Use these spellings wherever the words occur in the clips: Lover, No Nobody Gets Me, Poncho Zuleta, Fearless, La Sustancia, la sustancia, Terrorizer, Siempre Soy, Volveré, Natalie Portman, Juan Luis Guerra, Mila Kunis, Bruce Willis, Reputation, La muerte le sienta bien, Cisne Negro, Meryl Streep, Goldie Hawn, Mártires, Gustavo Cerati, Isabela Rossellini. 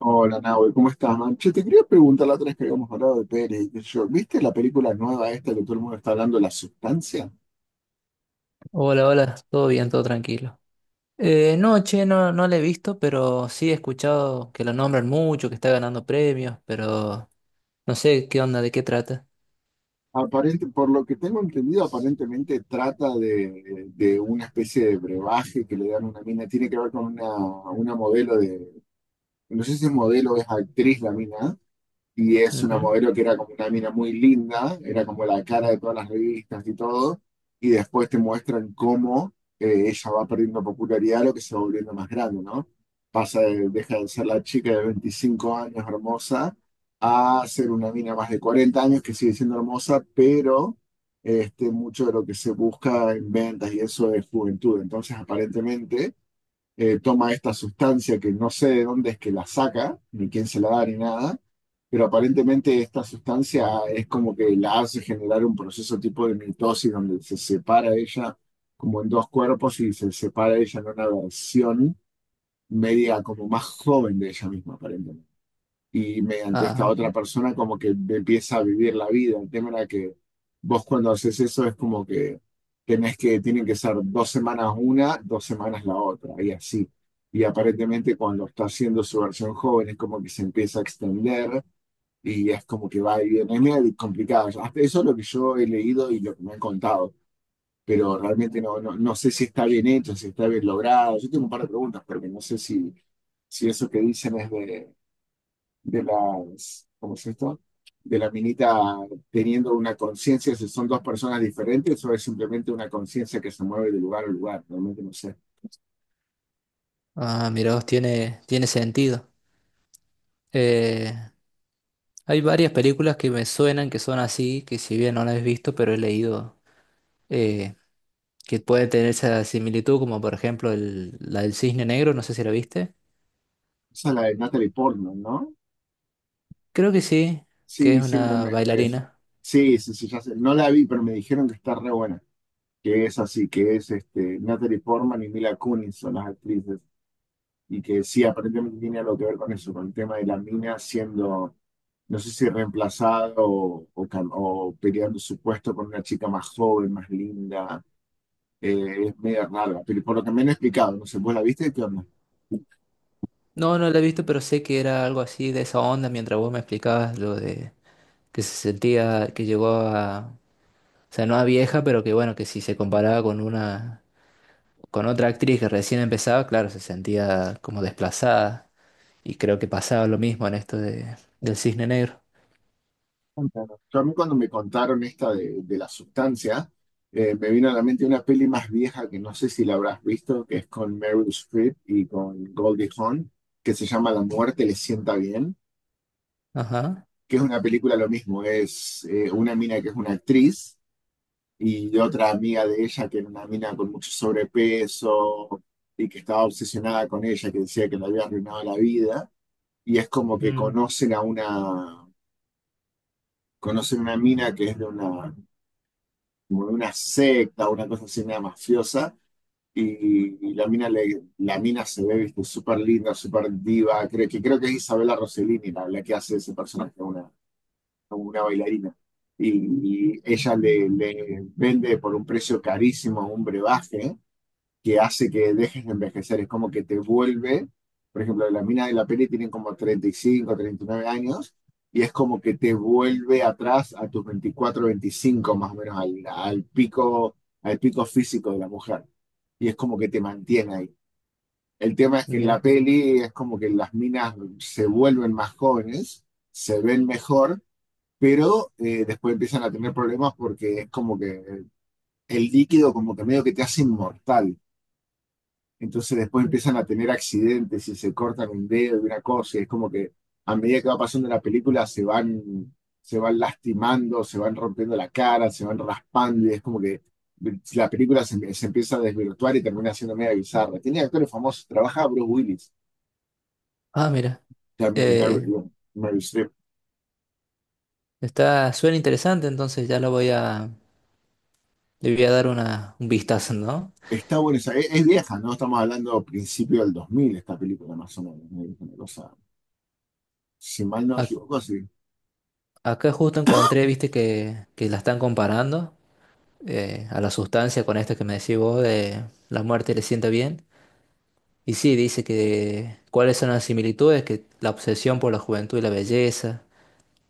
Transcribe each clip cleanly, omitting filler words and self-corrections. Hola, Nahue, ¿cómo estás, man? Che, te quería preguntar la otra vez que habíamos hablado de Pérez, y qué sé yo. ¿Viste la película nueva esta que todo el mundo está hablando, La Sustancia? Hola, hola, todo bien, todo tranquilo. No, che, no la he visto, pero sí he escuchado que lo nombran mucho, que está ganando premios, pero no sé qué onda, de qué trata. Aparente, por lo que tengo entendido, aparentemente trata de una especie de brebaje que le dan a una mina. Tiene que ver con una modelo no sé si es modelo o es actriz la mina, y es una Ujú. modelo que era como una mina muy linda, era como la cara de todas las revistas y todo, y después te muestran cómo ella va perdiendo popularidad, lo que se va volviendo más grande, ¿no? Deja de ser la chica de 25 años hermosa a ser una mina más de 40 años que sigue siendo hermosa, pero este, mucho de lo que se busca en ventas y eso es juventud. Entonces, aparentemente toma esta sustancia que no sé de dónde es que la saca, ni quién se la da, ni nada, pero aparentemente esta sustancia es como que la hace generar un proceso tipo de mitosis donde se separa ella como en dos cuerpos y se separa ella en una versión media como más joven de ella misma, aparentemente, y mediante esta Ah, otra persona como que empieza a vivir la vida. El tema era que vos cuando haces eso es como que tienen que ser 2 semanas una, 2 semanas la otra, y así. Y aparentemente cuando está haciendo su versión joven es como que se empieza a extender y es como que va y viene. Es medio complicado. Hasta eso es lo que yo he leído y lo que me han contado. Pero realmente no, no, no sé si está bien hecho, si está bien logrado. Yo tengo un par de preguntas, porque no sé si eso que dicen es de, las, ¿cómo es esto? De la minita teniendo una conciencia, si son dos personas diferentes o es simplemente una conciencia que se mueve de lugar a lugar, realmente no sé. Mira, vos, tiene sentido. Eh, Hay varias películas que me suenan que son así, que si bien no las he visto, pero he leído eh, que puede tener esa similitud, como por ejemplo la del Cisne Negro, no sé si la viste. Esa es la de Natalie Portman, ¿no? Creo que sí, que es Sí, sí, una bailarina. sí, sí, sí, ya sé. No la vi, pero me dijeron que está re buena, que es así, que es este, Natalie Portman y Mila Kunis son las actrices y que sí, aparentemente tiene algo que ver con eso, con el tema de la mina siendo no sé si reemplazado o peleando su puesto con una chica más joven, más linda. Es media rara, pero por lo que me han explicado, no sé, ¿vos la viste? ¿Qué onda? No, no la he visto, pero sé que era algo así de esa onda mientras vos me explicabas lo de que se sentía, que llegó a, o sea, no a vieja, pero que bueno, que si se comparaba con una, con otra actriz que recién empezaba, claro, se sentía como desplazada. Y creo que pasaba lo mismo en esto de, del Cisne Negro. Claro. Yo a mí cuando me contaron esta de la sustancia, me vino a la mente una peli más vieja que no sé si la habrás visto, que es con Meryl Streep y con Goldie Hawn, que se llama La muerte le sienta bien, Ajá. que es una película lo mismo, es una mina que es una actriz y otra amiga de ella que era una mina con mucho sobrepeso y que estaba obsesionada con ella, que decía que le había arruinado la vida. Y es como que Mm, conocen una mina que es de una, como de una secta, una cosa así, una mafiosa. Y la mina, la mina se ve, viste, súper linda, súper diva. Creo que es Isabela Rossellini la que hace ese personaje, una bailarina y ella le vende por un precio carísimo un brebaje que hace que dejes de envejecer, es como que te vuelve, por ejemplo, las minas de la peli tienen como 30, 35, 39 años, y es como que te vuelve atrás a tus 24, 25, más o menos, al pico físico de la mujer, y es como que te mantiene ahí. El tema es que en la mira. peli es como que las minas se vuelven más jóvenes, se ven mejor, pero después empiezan a tener problemas porque es como que el líquido como que medio que te hace inmortal. Entonces después empiezan a tener accidentes y se cortan un dedo y una cosa, y es como que a medida que va pasando la película se van lastimando, se van rompiendo la cara, se van raspando, y es como que la película se empieza a desvirtuar y termina siendo media bizarra. Tiene actores famosos, trabaja Bruce Willis Ah, mira. también, y Eh, Meryl Streep. Suena interesante, entonces ya le voy a dar un vistazo, ¿no? Está buena esa, es vieja, ¿no? Estamos hablando principio del 2000 esta película, más o menos, ¿no? Es una cosa, si mal no me Ac- equivoco, sí. Acá justo encontré, viste, que la están comparando a la sustancia con esto que me decís vos de La muerte le sienta bien. Y sí, dice que cuáles son las similitudes, que la obsesión por la juventud y la belleza,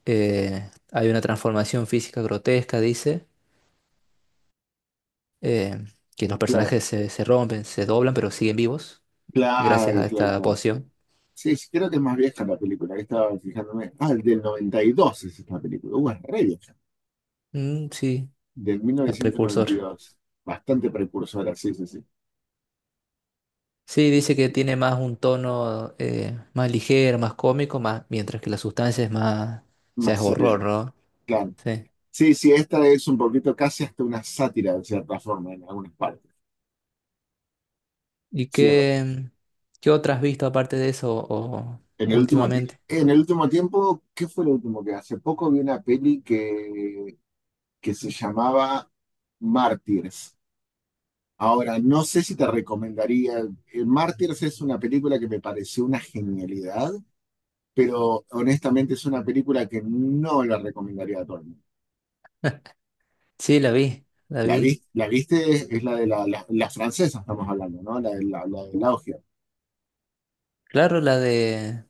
hay una transformación física grotesca, dice, eh, que los Claro, personajes se rompen, se doblan, pero siguen vivos claro, gracias a claro, esta claro. poción. Sí, sí, creo que es más vieja la película, que estaba fijándome. Ah, del 92 es esta película. Es re vieja. Mm, sí, Del mil el novecientos noventa y precursor. dos, Bastante precursora, sí, sí, sí. Sí, dice que tiene más un tono más ligero, más cómico, más, mientras que la sustancia es más, No ya es sé horror, bien, ¿no? claro. Sí. Sí, sí, esta es un poquito casi hasta una sátira, de cierta forma, en algunas partes. ¿Y Sí, qué otras has visto aparte de eso o en el último, ti- últimamente? en el último tiempo, ¿qué fue lo último? Que hace poco vi una peli que se llamaba Mártires. Ahora, no sé si te recomendaría. Mártires es una película que me pareció una genialidad, pero honestamente es una película que no la recomendaría a todo el mundo. Sí, la vi, la La, vi. vi- la viste, es la de la francesa, estamos hablando, ¿no? La de Laugia, Claro, la de...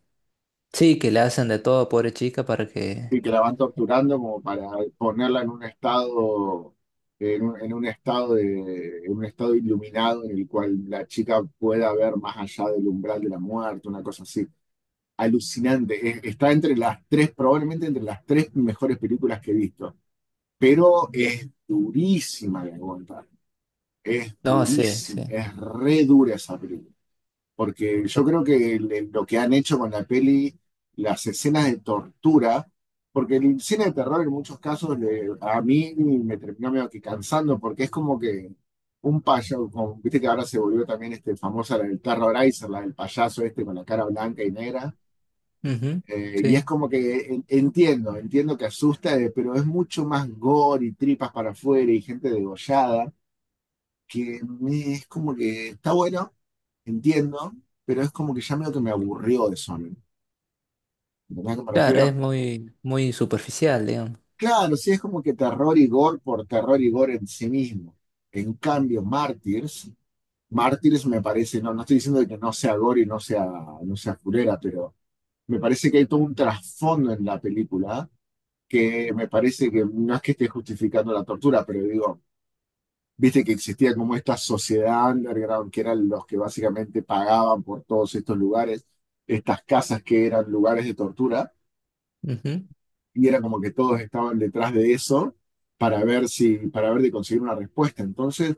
Sí, que le hacen de todo, pobre chica, para que... y que la van torturando como para ponerla en un estado iluminado en el cual la chica pueda ver más allá del umbral de la muerte, una cosa así. Alucinante. Está entre las tres, probablemente entre las tres mejores películas que he visto, pero es durísima de aguantar. Es No, sí, durísimo, sí. es re dura esa película. Porque Eh, yo creo que lo que han hecho con la peli, las escenas de tortura, porque el cine de terror en muchos casos a mí me terminó medio que cansando, porque es como que un payaso, como, viste que ahora se volvió también este famosa la del Terrorizer, la del payaso este con la cara blanca y negra. ujú, Y es sí, como que entiendo que asusta, pero es mucho más gore y tripas para afuera y gente degollada que es como que está bueno, entiendo, pero es como que ya medio que me aburrió de Sonic. ¿Entendés a qué me claro, es refiero? muy, muy superficial, digamos. Claro, sí, es como que terror y gore por terror y gore en sí mismo. En cambio, Martyrs, Martyrs me parece, no, no estoy diciendo que no sea gore y no sea, no sea furera, pero me parece que hay todo un trasfondo en la película, que me parece que no es que esté justificando la tortura, pero digo, viste que existía como esta sociedad underground, que eran los que básicamente pagaban por todos estos lugares, estas casas que eran lugares de tortura, Ujú. y era como que todos estaban detrás de eso para ver si, para ver de conseguir una respuesta. Entonces,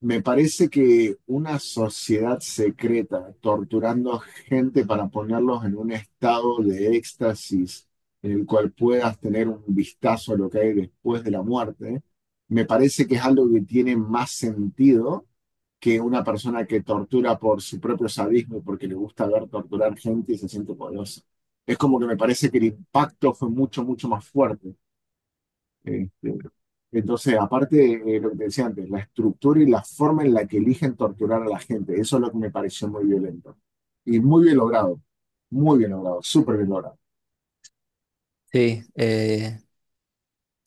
me parece que una sociedad secreta torturando gente para ponerlos en un estado de éxtasis en el cual puedas tener un vistazo a lo que hay después de la muerte, me parece que es algo que tiene más sentido que una persona que tortura por su propio sadismo y porque le gusta ver torturar gente y se siente poderosa. Es como que me parece que el impacto fue mucho, mucho más fuerte. Este, entonces, aparte de lo que te decía antes, la estructura y la forma en la que eligen torturar a la gente, eso es lo que me pareció muy violento. Y muy bien logrado, súper bien logrado. Sí,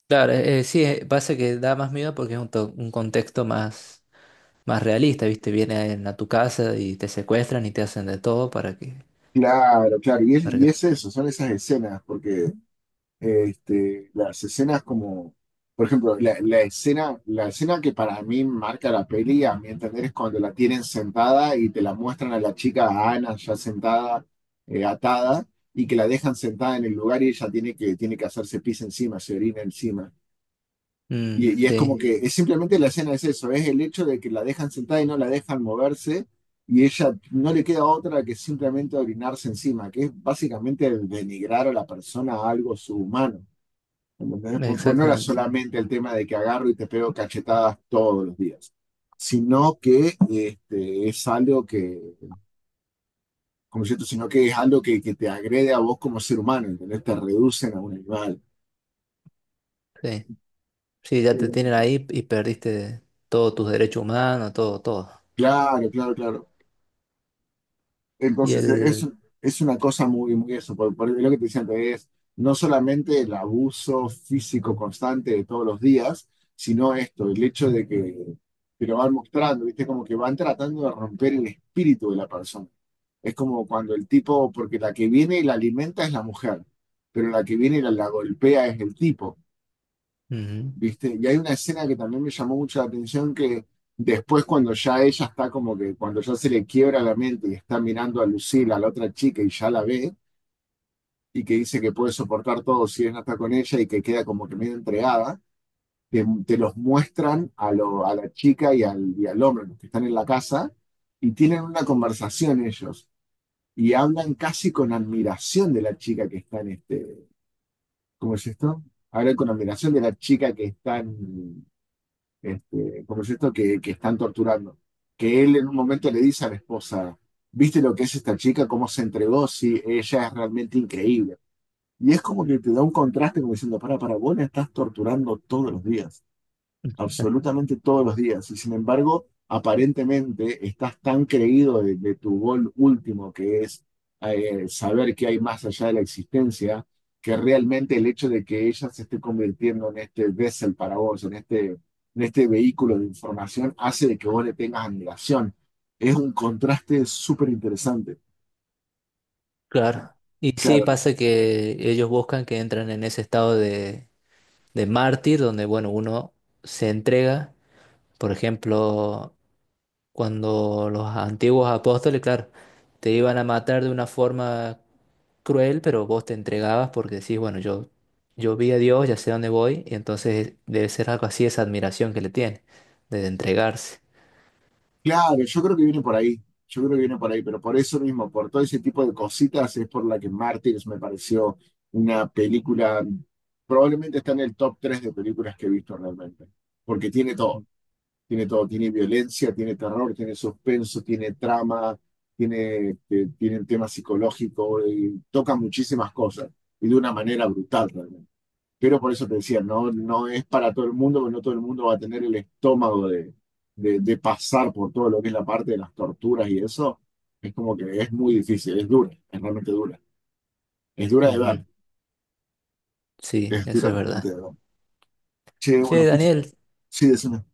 claro, sí, pasa que da más miedo porque es un contexto más, más realista, ¿viste? Vienen a tu casa y te secuestran y te hacen de todo para que... Claro, claro, y es, Para y que... es eso, son esas escenas, porque este, las escenas como, por ejemplo, la escena que para mí marca la peli, a mi entender, es cuando la tienen sentada y te la muestran a la chica, a Ana, ya sentada, atada, y que la dejan sentada en el lugar y ella tiene que hacerse pis encima, se orina encima. Mm, Y es como sí, que es simplemente la escena es eso, es el hecho de que la dejan sentada y no la dejan moverse, y ella no le queda otra que simplemente orinarse encima, que es básicamente el denigrar a la persona, a algo subhumano. ¿Entendés? Pues no era exactamente. solamente el tema de que agarro y te pego cachetadas todos los días, sino que este, es algo que, como cierto, sino que es algo que te agrede a vos como ser humano, ¿entendés? Te reducen a un animal. Sí, sí, ya te tienen ahí y perdiste todos tus derechos humanos, todo, todo. Claro, claro, claro. Y Entonces, e- es, el... es una cosa muy, muy eso. Por lo que te decía antes, es no solamente el abuso físico constante de todos los días, sino esto, el hecho de que te lo van mostrando, ¿viste? Como que van tratando de romper el espíritu de la persona. Es como cuando el tipo, porque la que viene y la alimenta es la mujer, pero la que viene y la golpea es el tipo. ujú. ¿Viste? Y hay una escena que también me llamó mucho la atención que después cuando ya ella está como que, cuando ya se le quiebra la mente y está mirando a Lucila, a la otra chica, y ya la ve, y que dice que puede soportar todo si ella está con ella y que queda como que medio entregada, te los muestran a la chica y al hombre, los que están en la casa, y tienen una conversación ellos. Y hablan casi con admiración de la chica que está en este, ¿cómo es esto? Hablan con admiración de la chica que está en, este, ¿cómo es esto? Que están torturando. Que él en un momento le dice a la esposa, ¿viste lo que es esta chica? ¿Cómo se entregó? Sí, ella es realmente increíble. Y es como que te da un contraste como diciendo, para, vos la estás torturando todos los días, absolutamente todos los días. Y sin embargo, aparentemente estás tan creído de, tu gol último, que es saber que hay más allá de la existencia, que realmente el hecho de que ella se esté convirtiendo en este vessel para vos, en este vehículo de información, hace de que vos le tengas admiración. Es un contraste súper interesante. Claro. Y sí, Claro, pasa que ellos buscan que entran en ese estado de mártir, donde, bueno, uno se entrega. Por ejemplo, cuando los antiguos apóstoles, claro, te iban a matar de una forma cruel, pero vos te entregabas porque decís, bueno, yo vi a Dios, ya sé dónde voy, y entonces debe ser algo así, esa admiración que le tiene, de entregarse. claro, yo creo que viene por ahí, yo creo que viene por ahí, pero por eso mismo, por todo ese tipo de cositas, es por la que Mártires me pareció una película, probablemente está en el top 3 de películas que he visto realmente, porque tiene todo, tiene todo, tiene violencia, tiene terror, tiene suspenso, tiene trama, tiene, este, tiene el tema psicológico, y toca muchísimas cosas, y de una manera brutal realmente. Pero por eso te decía, no, no es para todo el mundo, porque no todo el mundo va a tener el estómago de pasar por todo lo que es la parte de las torturas y eso. Es como que es muy difícil, es dura, es realmente dura. Es dura de ver, Ujú. Sí, es eso dura es realmente verdad. de ver. Che, bueno, Che, escucha. Daniel, Sí, decime.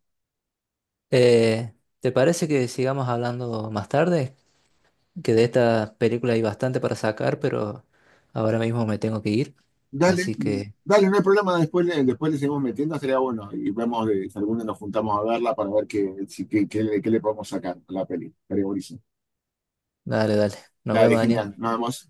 eh, ¿te parece que sigamos hablando más tarde? Que de esta película hay bastante para sacar, pero ahora mismo me tengo que ir. Dale, Así mm, que, dale, no hay problema, después le seguimos metiendo, sería bueno. Y vemos si alguna nos juntamos a verla para ver qué, qué le podemos sacar a la peli. Estaría buenísimo. dale, dale. Nos Dale, vemos, genial, Daniel. nada más